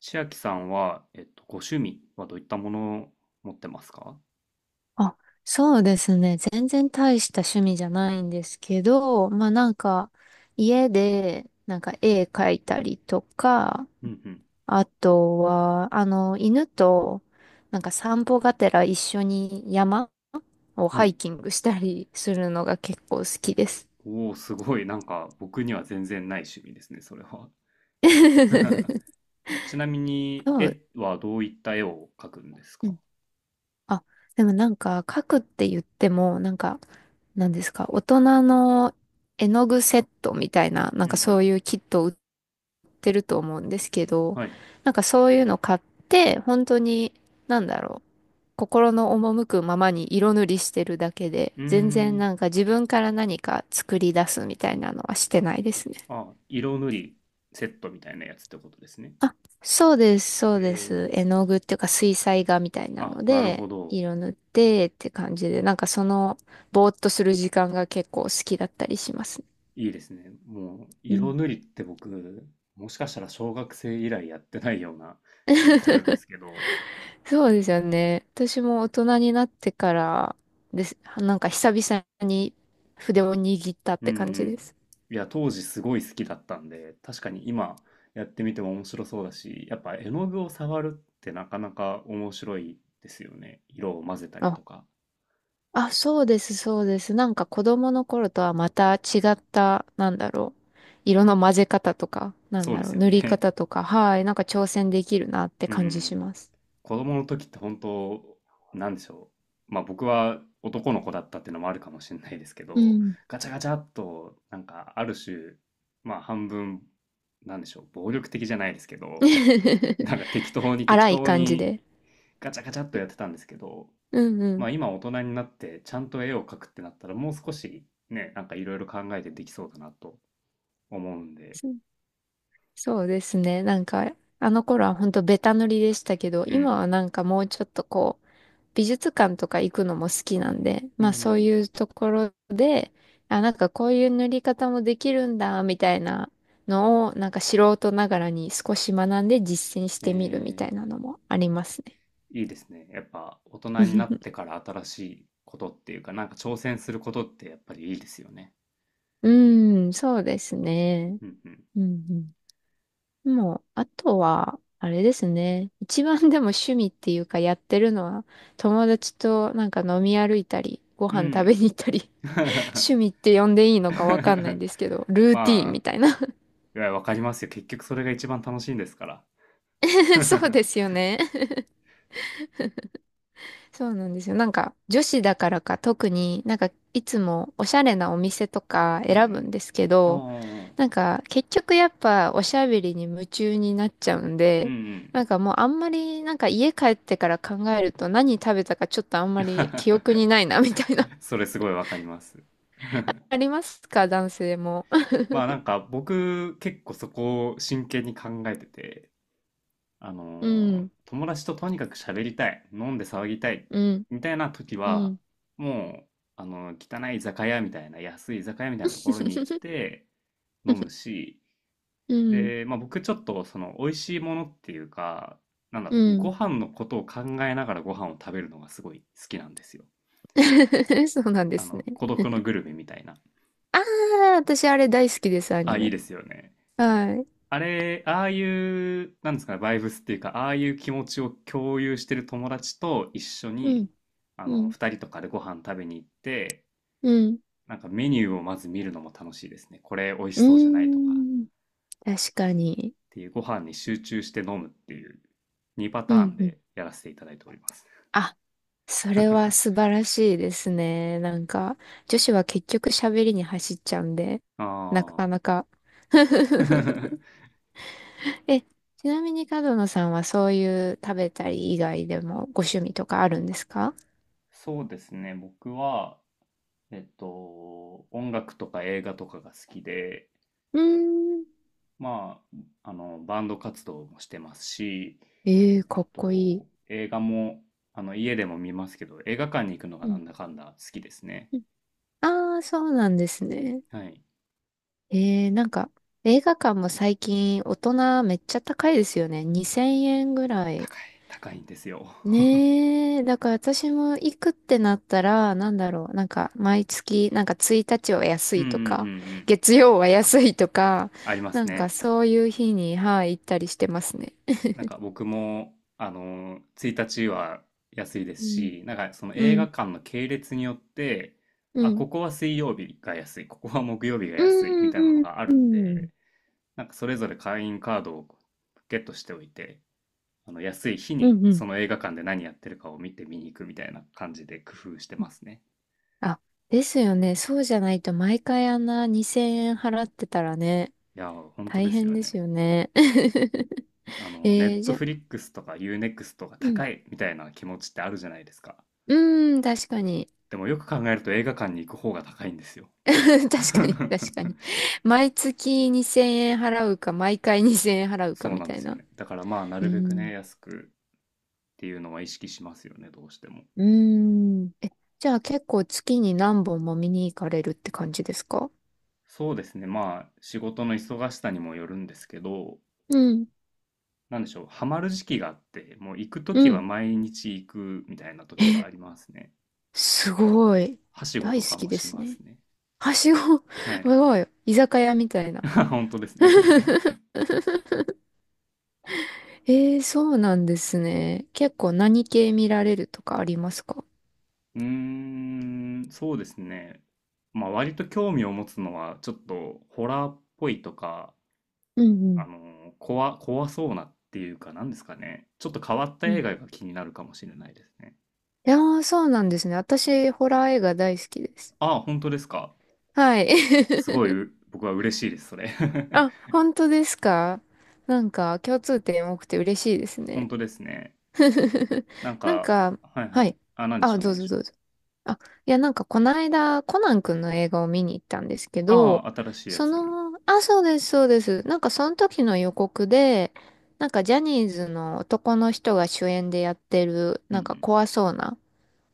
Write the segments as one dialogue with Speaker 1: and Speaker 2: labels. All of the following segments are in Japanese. Speaker 1: 千秋さんは、ご趣味はどういったものを持ってますか？
Speaker 2: あ、そうですね。全然大した趣味じゃないんですけど、まあなんか、家で、なんか絵描いたりとか、
Speaker 1: うんうん。
Speaker 2: あとは、あの、犬と、なんか散歩がてら一緒に山を
Speaker 1: は
Speaker 2: ハイ
Speaker 1: い。
Speaker 2: キングしたりするのが結構好きです。
Speaker 1: おお、すごい。なんか、僕には全然ない趣味ですね、それは。ちなみ
Speaker 2: そ
Speaker 1: に、
Speaker 2: う。
Speaker 1: 絵はどういった絵を描くんです
Speaker 2: うん、
Speaker 1: か？
Speaker 2: あ、でもなんか、描くって言っても、なんか、なんですか、大人の絵の具セットみたいな、な
Speaker 1: う
Speaker 2: ん
Speaker 1: んう
Speaker 2: かそ
Speaker 1: ん。
Speaker 2: ういうキットを売ってると思うんですけど、
Speaker 1: はい。う
Speaker 2: なんかそういうの買って、本当に、なんだろう、心の赴くままに色塗りしてるだけで、
Speaker 1: ー
Speaker 2: 全然
Speaker 1: ん。
Speaker 2: なんか自分から何か作り出すみたいなのはしてないですね。
Speaker 1: あ、色塗りセットみたいなやつってことですね。
Speaker 2: あ、そうです、そ
Speaker 1: え
Speaker 2: うで
Speaker 1: ー、
Speaker 2: す。絵の具っていうか水彩画みたいな
Speaker 1: あ、
Speaker 2: の
Speaker 1: なるほ
Speaker 2: で、
Speaker 1: ど。
Speaker 2: 色塗ってって感じで、なんかその、ぼーっとする時間が結構好きだったりしますね。
Speaker 1: いいですね。もう、
Speaker 2: う
Speaker 1: 色
Speaker 2: ん。
Speaker 1: 塗りって僕、もしかしたら小学生以来やってないような気もするんですけど、
Speaker 2: そうですよね。私も大人になってからです。なんか久々に筆を握ったっ
Speaker 1: うん
Speaker 2: て
Speaker 1: う
Speaker 2: 感じで
Speaker 1: ん。
Speaker 2: す。
Speaker 1: いや、当時すごい好きだったんで、確かに今やってみても面白そうだし、やっぱ絵の具を触るってなかなか面白いですよね。色を混ぜたり
Speaker 2: あ、
Speaker 1: とか。
Speaker 2: あ、そうです、そうです。なんか子供の頃とはまた違った、なんだろう。色の混ぜ方とか、なん
Speaker 1: そう
Speaker 2: だ
Speaker 1: で
Speaker 2: ろ
Speaker 1: す
Speaker 2: う。
Speaker 1: よ
Speaker 2: 塗り
Speaker 1: ね。
Speaker 2: 方とか、はい。なんか挑戦できるなっ て
Speaker 1: う
Speaker 2: 感じし
Speaker 1: ん。
Speaker 2: ます。
Speaker 1: 子供の時って本当、なんでしょう。まあ僕は男の子だったっていうのもあるかもしれないですけ
Speaker 2: う
Speaker 1: ど、
Speaker 2: ん。
Speaker 1: ガチャガチャっと、なんかある種、まあ半分、なんでしょう、暴力的じゃないですけど、なんか適当に適
Speaker 2: 荒い
Speaker 1: 当
Speaker 2: 感じ
Speaker 1: に
Speaker 2: で。
Speaker 1: ガチャガチャっとやってたんですけど、
Speaker 2: うんう
Speaker 1: ま
Speaker 2: ん。
Speaker 1: あ今大人になってちゃんと絵を描くってなったらもう少しね、なんかいろいろ考えてできそうだなと思うんで、
Speaker 2: そうですね。なんか、あの頃は本当ベタ塗りでしたけど、
Speaker 1: う
Speaker 2: 今は
Speaker 1: ん。
Speaker 2: なんかもうちょっとこう、美術館とか行くのも好きなんで、
Speaker 1: うん、
Speaker 2: まあそう
Speaker 1: う
Speaker 2: いうところで、あ、なんかこういう塗り方もできるんだ、みたいなのを、なんか素人ながらに少し学んで実践し
Speaker 1: ん。
Speaker 2: てみるみたいな
Speaker 1: え
Speaker 2: のもありますね。
Speaker 1: ー、いいですね。やっぱ大人になっ てから新しいことっていうか、なんか挑戦することってやっぱりいいですよね。
Speaker 2: うん、そうですね。
Speaker 1: うんうん。
Speaker 2: うんうん、もう、あとは、あれですね。一番でも趣味っていうかやってるのは、友達となんか飲み歩いたり、ご
Speaker 1: う
Speaker 2: 飯食べ
Speaker 1: ん。
Speaker 2: に行ったり、趣味って呼んでいいのかわかんないん ですけど、ルーティ
Speaker 1: ま
Speaker 2: ーン
Speaker 1: あ、
Speaker 2: みたいな。
Speaker 1: いや、わかりますよ。結局それが一番楽しいんですから。
Speaker 2: そうで すよね。そうなんですよ。なんか、女子だからか特になんか、いつもおしゃれなお店とか
Speaker 1: うんう
Speaker 2: 選ぶん
Speaker 1: ん。
Speaker 2: ですけど、
Speaker 1: ああ、
Speaker 2: なんか、結局やっぱおしゃべりに夢中になっちゃうん
Speaker 1: うん
Speaker 2: で、
Speaker 1: うん。
Speaker 2: なんかもうあんまり、なんか家帰ってから考えると何食べたかちょっとあんまり記憶 にないな、みたいな。
Speaker 1: それすごいわかります。
Speaker 2: ありますか男性も。
Speaker 1: まあなんか僕結構そこを真剣に考えてて、
Speaker 2: うん、
Speaker 1: 友達ととにかく喋りたい、飲んで騒ぎたい、
Speaker 2: うん、
Speaker 1: みたいな時
Speaker 2: う
Speaker 1: は、
Speaker 2: ん。
Speaker 1: もう、あの汚い居酒屋みたいな、安い居酒屋みたいなところに行っ て飲むし、
Speaker 2: うん、
Speaker 1: で、まあ僕ちょっとその美味しいものっていうか、
Speaker 2: うん。
Speaker 1: ご飯のことを考えながらご飯を食べるのがすごい好きなんですよ。
Speaker 2: そうなんで
Speaker 1: あ
Speaker 2: すね。
Speaker 1: の、孤独のグルメみたいな。
Speaker 2: ああ、私あれ大好きです、ア
Speaker 1: あ、
Speaker 2: ニ
Speaker 1: いい
Speaker 2: メ。
Speaker 1: ですよね。
Speaker 2: はい。
Speaker 1: あれ、ああいう、なんですかね、バイブスっていうか、ああいう気持ちを共有してる友達と一緒
Speaker 2: う
Speaker 1: に、
Speaker 2: ん、
Speaker 1: あ
Speaker 2: う
Speaker 1: の、
Speaker 2: ん、
Speaker 1: 二人とかでご飯食べに行って、
Speaker 2: うん。
Speaker 1: なんかメニューをまず見るのも楽しいですね。これ美味し
Speaker 2: う
Speaker 1: そうじゃな
Speaker 2: ー
Speaker 1: いとか、
Speaker 2: ん、確かに。
Speaker 1: っていうご飯に集中して飲むっていう2パ
Speaker 2: う
Speaker 1: ターン
Speaker 2: ん、うん。
Speaker 1: でやらせていただいております。
Speaker 2: あ、それは素 晴らしいですね。なんか、女子は結局喋りに走っちゃうんで、
Speaker 1: あ
Speaker 2: なか
Speaker 1: あ。
Speaker 2: なか。え、ちなみに角野さんはそういう食べたり以外でもご趣味とかあるんですか？
Speaker 1: そうですね。僕は、音楽とか映画とかが好きで、
Speaker 2: うーん。
Speaker 1: まあ、あの、バンド活動もしてますし、
Speaker 2: ええかっこいい。
Speaker 1: 映画も、あの、家でも見ますけど、映画館に行くのが
Speaker 2: う
Speaker 1: な
Speaker 2: ん。
Speaker 1: んだかんだ好きですね。
Speaker 2: ああー、そうなんですね。
Speaker 1: はい。
Speaker 2: ええなんか、映画館も最近大人めっちゃ高いですよね。2000円ぐらい。
Speaker 1: 高い、高いんですよ。
Speaker 2: ねえ、だから私も行くってなったら、なんだろう、なんか毎月、なんか1日は 安
Speaker 1: うん
Speaker 2: い
Speaker 1: うんうん
Speaker 2: と
Speaker 1: う
Speaker 2: か、
Speaker 1: ん。
Speaker 2: 月曜は安いとか、
Speaker 1: ありま
Speaker 2: な
Speaker 1: す
Speaker 2: んか
Speaker 1: ね。
Speaker 2: そういう日に、はい、行ったりしてますね。
Speaker 1: なんか僕も、あの、1日は安いで
Speaker 2: う
Speaker 1: す
Speaker 2: ん、
Speaker 1: し、なんかその
Speaker 2: う
Speaker 1: 映画
Speaker 2: ん、
Speaker 1: 館の系列によって、
Speaker 2: う
Speaker 1: あ、
Speaker 2: ん、
Speaker 1: ここは水曜日が安い、ここは木曜日が
Speaker 2: う
Speaker 1: 安いみたいなの
Speaker 2: ん、うん、
Speaker 1: があるんで、なんかそれぞれ会員カードをゲットしておいて、あの安い日
Speaker 2: う
Speaker 1: に
Speaker 2: ん、う
Speaker 1: そ
Speaker 2: ん。
Speaker 1: の映画館で何やってるかを見て見に行くみたいな感じで工夫してますね。
Speaker 2: あ、ですよね。そうじゃないと毎回あんな2000円払ってたらね、
Speaker 1: いやー、本当
Speaker 2: 大
Speaker 1: です
Speaker 2: 変
Speaker 1: よ
Speaker 2: です
Speaker 1: ね。
Speaker 2: よね。
Speaker 1: あ の、ネ
Speaker 2: えー、
Speaker 1: ット
Speaker 2: じゃ、
Speaker 1: フリックスとかユーネ n クストとが
Speaker 2: うん、
Speaker 1: 高いみたいな気持ちってあるじゃないですか。
Speaker 2: うーん、確かに。
Speaker 1: でもよく考えると映画館に行く方が高いんですよ。
Speaker 2: 確かに、確かに。毎月2000円払うか、毎回2000円払うか
Speaker 1: そう
Speaker 2: み
Speaker 1: なん
Speaker 2: た
Speaker 1: で
Speaker 2: い
Speaker 1: すよ
Speaker 2: な。
Speaker 1: ね。だからまあ、な
Speaker 2: う
Speaker 1: るべくね、
Speaker 2: ん。
Speaker 1: 安くっていうのは意識しますよね、どうしても。
Speaker 2: うーん。え、じゃあ結構月に何本も見に行かれるって感じですか？
Speaker 1: そうですね。まあ、仕事の忙しさにもよるんですけど、
Speaker 2: うん、
Speaker 1: なんでしょう、ハマる時期があって、もう行くと
Speaker 2: う
Speaker 1: きは
Speaker 2: ん。
Speaker 1: 毎日行くみたいな時が
Speaker 2: え、
Speaker 1: ありますね。
Speaker 2: すごい。
Speaker 1: はしご
Speaker 2: 大
Speaker 1: と
Speaker 2: 好
Speaker 1: か
Speaker 2: き
Speaker 1: も
Speaker 2: で
Speaker 1: し
Speaker 2: す
Speaker 1: ます
Speaker 2: ね。
Speaker 1: ね。
Speaker 2: はしご、
Speaker 1: は
Speaker 2: す
Speaker 1: い。
Speaker 2: ごい。居酒屋みたいな。
Speaker 1: 本当ですね。
Speaker 2: えー、そうなんですね。結構何系見られるとかありますか？
Speaker 1: うーん、そうですね。まあ割と興味を持つのは、ちょっとホラーっぽいとか、
Speaker 2: うんう
Speaker 1: あ
Speaker 2: ん
Speaker 1: の、怖そうなっていうか、なんですかね。ちょっと変わった
Speaker 2: う
Speaker 1: 映
Speaker 2: ん。
Speaker 1: 画が気になるかもしれないですね。
Speaker 2: いやー、そうなんですね。私、ホラー映画大好きです。
Speaker 1: ああ、本当ですか。
Speaker 2: はい。
Speaker 1: すご い、僕は嬉しいです、それ。
Speaker 2: あ、本当ですか？なんか共通点多くて嬉しいです
Speaker 1: 本
Speaker 2: ね。
Speaker 1: 当ですね。なん
Speaker 2: なん
Speaker 1: か、
Speaker 2: か、
Speaker 1: はいは
Speaker 2: は
Speaker 1: い。
Speaker 2: い。
Speaker 1: あ、
Speaker 2: あ、
Speaker 1: な
Speaker 2: ど
Speaker 1: ん
Speaker 2: う
Speaker 1: で
Speaker 2: ぞ
Speaker 1: し
Speaker 2: どう
Speaker 1: ょう。
Speaker 2: ぞ。あ、いや、なんかこの間、コナン君の映画を見に行ったんですけ
Speaker 1: あ
Speaker 2: ど、
Speaker 1: あ、新しいや
Speaker 2: そ
Speaker 1: つ。
Speaker 2: の、あ、そうです、そうです。なんかその時の予告で、なんかジャニーズの男の人が主演でやってる、
Speaker 1: う
Speaker 2: なんか
Speaker 1: ん
Speaker 2: 怖そうな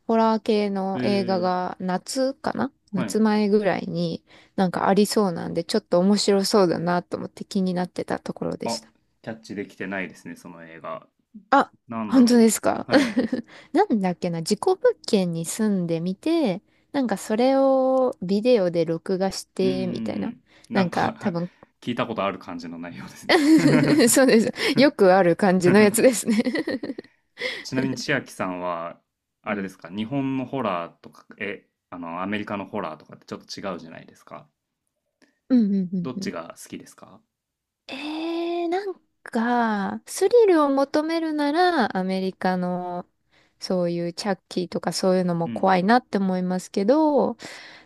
Speaker 2: ホラー系
Speaker 1: うん。え
Speaker 2: の映画
Speaker 1: え、
Speaker 2: が夏かな
Speaker 1: は
Speaker 2: 夏
Speaker 1: い。
Speaker 2: 前ぐらいになんかありそうなんで、ちょっと面白そうだなと思って気になってたところでし
Speaker 1: あ、
Speaker 2: た。
Speaker 1: キャッチできてないですね、その映画。
Speaker 2: あ、
Speaker 1: なんだ
Speaker 2: 本当
Speaker 1: ろ
Speaker 2: ですか？
Speaker 1: う。はい。
Speaker 2: なんだっけな、事故物件に住んでみて、なんかそれをビデオで録画し
Speaker 1: うんう
Speaker 2: て、みたいな。
Speaker 1: んうん。な
Speaker 2: な
Speaker 1: ん
Speaker 2: んか多
Speaker 1: か
Speaker 2: 分
Speaker 1: 聞いたことある感じの内容ですね。
Speaker 2: そうです。よくある感 じのやつ ですね。
Speaker 1: ちなみに千秋さんは、あ
Speaker 2: う
Speaker 1: れで
Speaker 2: ん。
Speaker 1: すか、日本のホラーとか、え、あの、アメリカのホラーとかってちょっと違うじゃないですか。
Speaker 2: うんうんうん
Speaker 1: どっ
Speaker 2: う
Speaker 1: ち
Speaker 2: ん、
Speaker 1: が好きですか？
Speaker 2: えー、なんか、スリルを求めるなら、アメリカの、そういうチャッキーとかそういうのも
Speaker 1: うんう
Speaker 2: 怖
Speaker 1: ん。
Speaker 2: いなって思いますけど、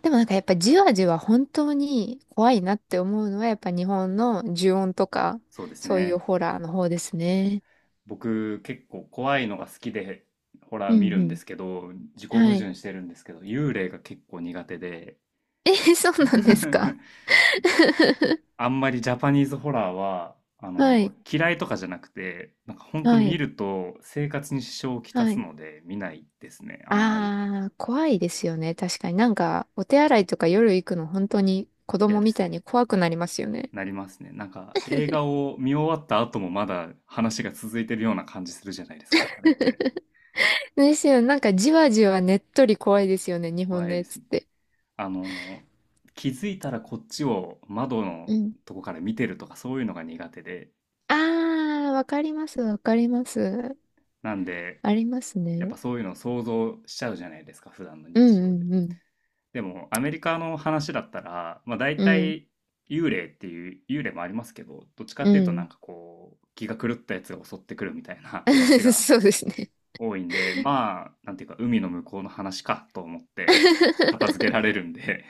Speaker 2: でもなんかやっぱじわじわ本当に怖いなって思うのは、やっぱ日本の呪怨とか、
Speaker 1: そうです
Speaker 2: そういう
Speaker 1: ね。
Speaker 2: ホラーの方ですね。
Speaker 1: 僕、結構怖いのが好きで、ホラー
Speaker 2: う
Speaker 1: 見
Speaker 2: ん
Speaker 1: る
Speaker 2: う
Speaker 1: んで
Speaker 2: ん。
Speaker 1: すけど、自己矛
Speaker 2: はい。
Speaker 1: 盾してるんですけど、幽霊が結構苦手で。
Speaker 2: えー、そうなんですか。
Speaker 1: あんまりジャパニーズホラーは、あ
Speaker 2: は
Speaker 1: の、
Speaker 2: い、
Speaker 1: 嫌いとかじゃなくて、なんか本当
Speaker 2: は
Speaker 1: 見
Speaker 2: い、
Speaker 1: ると生活に支障をきた
Speaker 2: は
Speaker 1: す
Speaker 2: い。
Speaker 1: ので見ないですね。あんまり。
Speaker 2: ああ、怖いですよね。確かになんか、お手洗いとか夜行くの本当に子
Speaker 1: 嫌
Speaker 2: 供
Speaker 1: で
Speaker 2: み
Speaker 1: す
Speaker 2: たい
Speaker 1: ね。
Speaker 2: に怖くなりますよね。
Speaker 1: なりますね。なんか映画を見終わった後もまだ話が続いてるような感じするじゃないですか。あれって。
Speaker 2: ですよ。なんかじわじわねっとり怖いですよね、日
Speaker 1: 怖
Speaker 2: 本の
Speaker 1: いで
Speaker 2: や
Speaker 1: す
Speaker 2: つっ
Speaker 1: ね。
Speaker 2: て。
Speaker 1: あの、気づいたらこっちを窓の
Speaker 2: うん。
Speaker 1: とこから見てるとかそういうのが苦手で。
Speaker 2: ああ、わかります、わかります。
Speaker 1: なんで、
Speaker 2: あります
Speaker 1: やっ
Speaker 2: ね。
Speaker 1: ぱそういうのを想像しちゃうじゃないですか、普段の
Speaker 2: うん
Speaker 1: 日常
Speaker 2: う
Speaker 1: で。
Speaker 2: んうん。
Speaker 1: でもアメリカの話だったら、まあ、大
Speaker 2: うん。
Speaker 1: 体幽霊っていう幽霊もありますけど、どっちか
Speaker 2: う
Speaker 1: っていうとなん
Speaker 2: ん。
Speaker 1: かこう気が狂ったやつが襲ってくるみたいな 話 が
Speaker 2: そうですね。
Speaker 1: 多いんで、まあなんていうか海の向こうの話かと思って 片付けられるんで。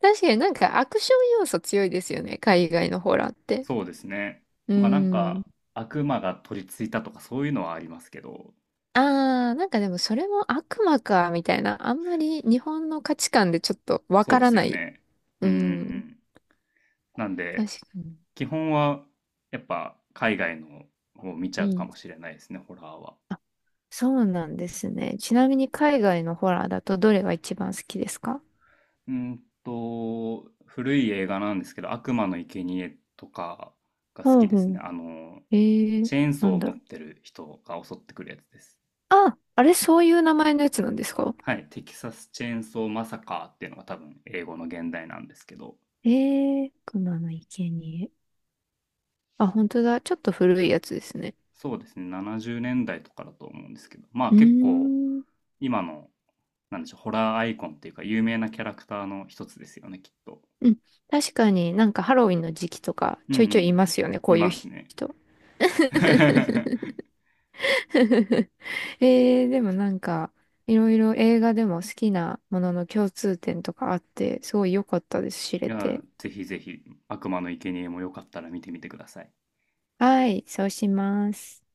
Speaker 2: 確かになんかアクション要素強いですよね、海外のホラーっ て。
Speaker 1: そうですね。
Speaker 2: う
Speaker 1: まあなん
Speaker 2: ん。
Speaker 1: か悪魔が取り付いたとかそういうのはありますけど。
Speaker 2: ああ、なんかでもそれも悪魔か、みたいな。あんまり日本の価値観でちょっとわ
Speaker 1: そう
Speaker 2: か
Speaker 1: で
Speaker 2: ら
Speaker 1: す
Speaker 2: な
Speaker 1: よ
Speaker 2: い。
Speaker 1: ね。
Speaker 2: う
Speaker 1: うんうんう
Speaker 2: ん。
Speaker 1: ん。なん
Speaker 2: 確
Speaker 1: で
Speaker 2: かに。
Speaker 1: 基本はやっぱ海外のを見ちゃ
Speaker 2: う
Speaker 1: うか
Speaker 2: ん。
Speaker 1: もしれないですね、ホラーは。
Speaker 2: そうなんですね。ちなみに海外のホラーだとどれが一番好きですか？
Speaker 1: うんと、古い映画なんですけど、悪魔の生贄とかが好
Speaker 2: ほう
Speaker 1: きです
Speaker 2: ほ
Speaker 1: ね。
Speaker 2: う。
Speaker 1: あの、
Speaker 2: えー、
Speaker 1: チェーン
Speaker 2: な
Speaker 1: ソー
Speaker 2: ん
Speaker 1: を
Speaker 2: だ
Speaker 1: 持
Speaker 2: ろ
Speaker 1: っ
Speaker 2: う。
Speaker 1: てる人が襲ってくるやつです。
Speaker 2: あ、あれ、そういう名前のやつなんですか？
Speaker 1: はい、テキサスチェーンソーマサカーっていうのが多分英語の現代なんですけど、
Speaker 2: えー、熊の生贄。あ、本当だ。ちょっと古いやつですね。
Speaker 1: そうですね、70年代とかだと思うんですけど、まあ
Speaker 2: う
Speaker 1: 結
Speaker 2: ー
Speaker 1: 構
Speaker 2: ん。
Speaker 1: 今の、なんでしょう、ホラーアイコンっていうか有名なキャラクターの一つですよね、きっと。
Speaker 2: うん。確かになんかハロウィンの時期とか
Speaker 1: うんう
Speaker 2: ちょいちょいい
Speaker 1: ん、
Speaker 2: ますよね、こ
Speaker 1: い
Speaker 2: ういう
Speaker 1: ますね。
Speaker 2: 人。えー、でもなんか、いろいろ映画でも好きなものの共通点とかあって、すごい良かったです、知
Speaker 1: い
Speaker 2: れ
Speaker 1: や、
Speaker 2: て。
Speaker 1: ぜひぜひ、悪魔の生贄もよかったら見てみてください。
Speaker 2: はい、そうします。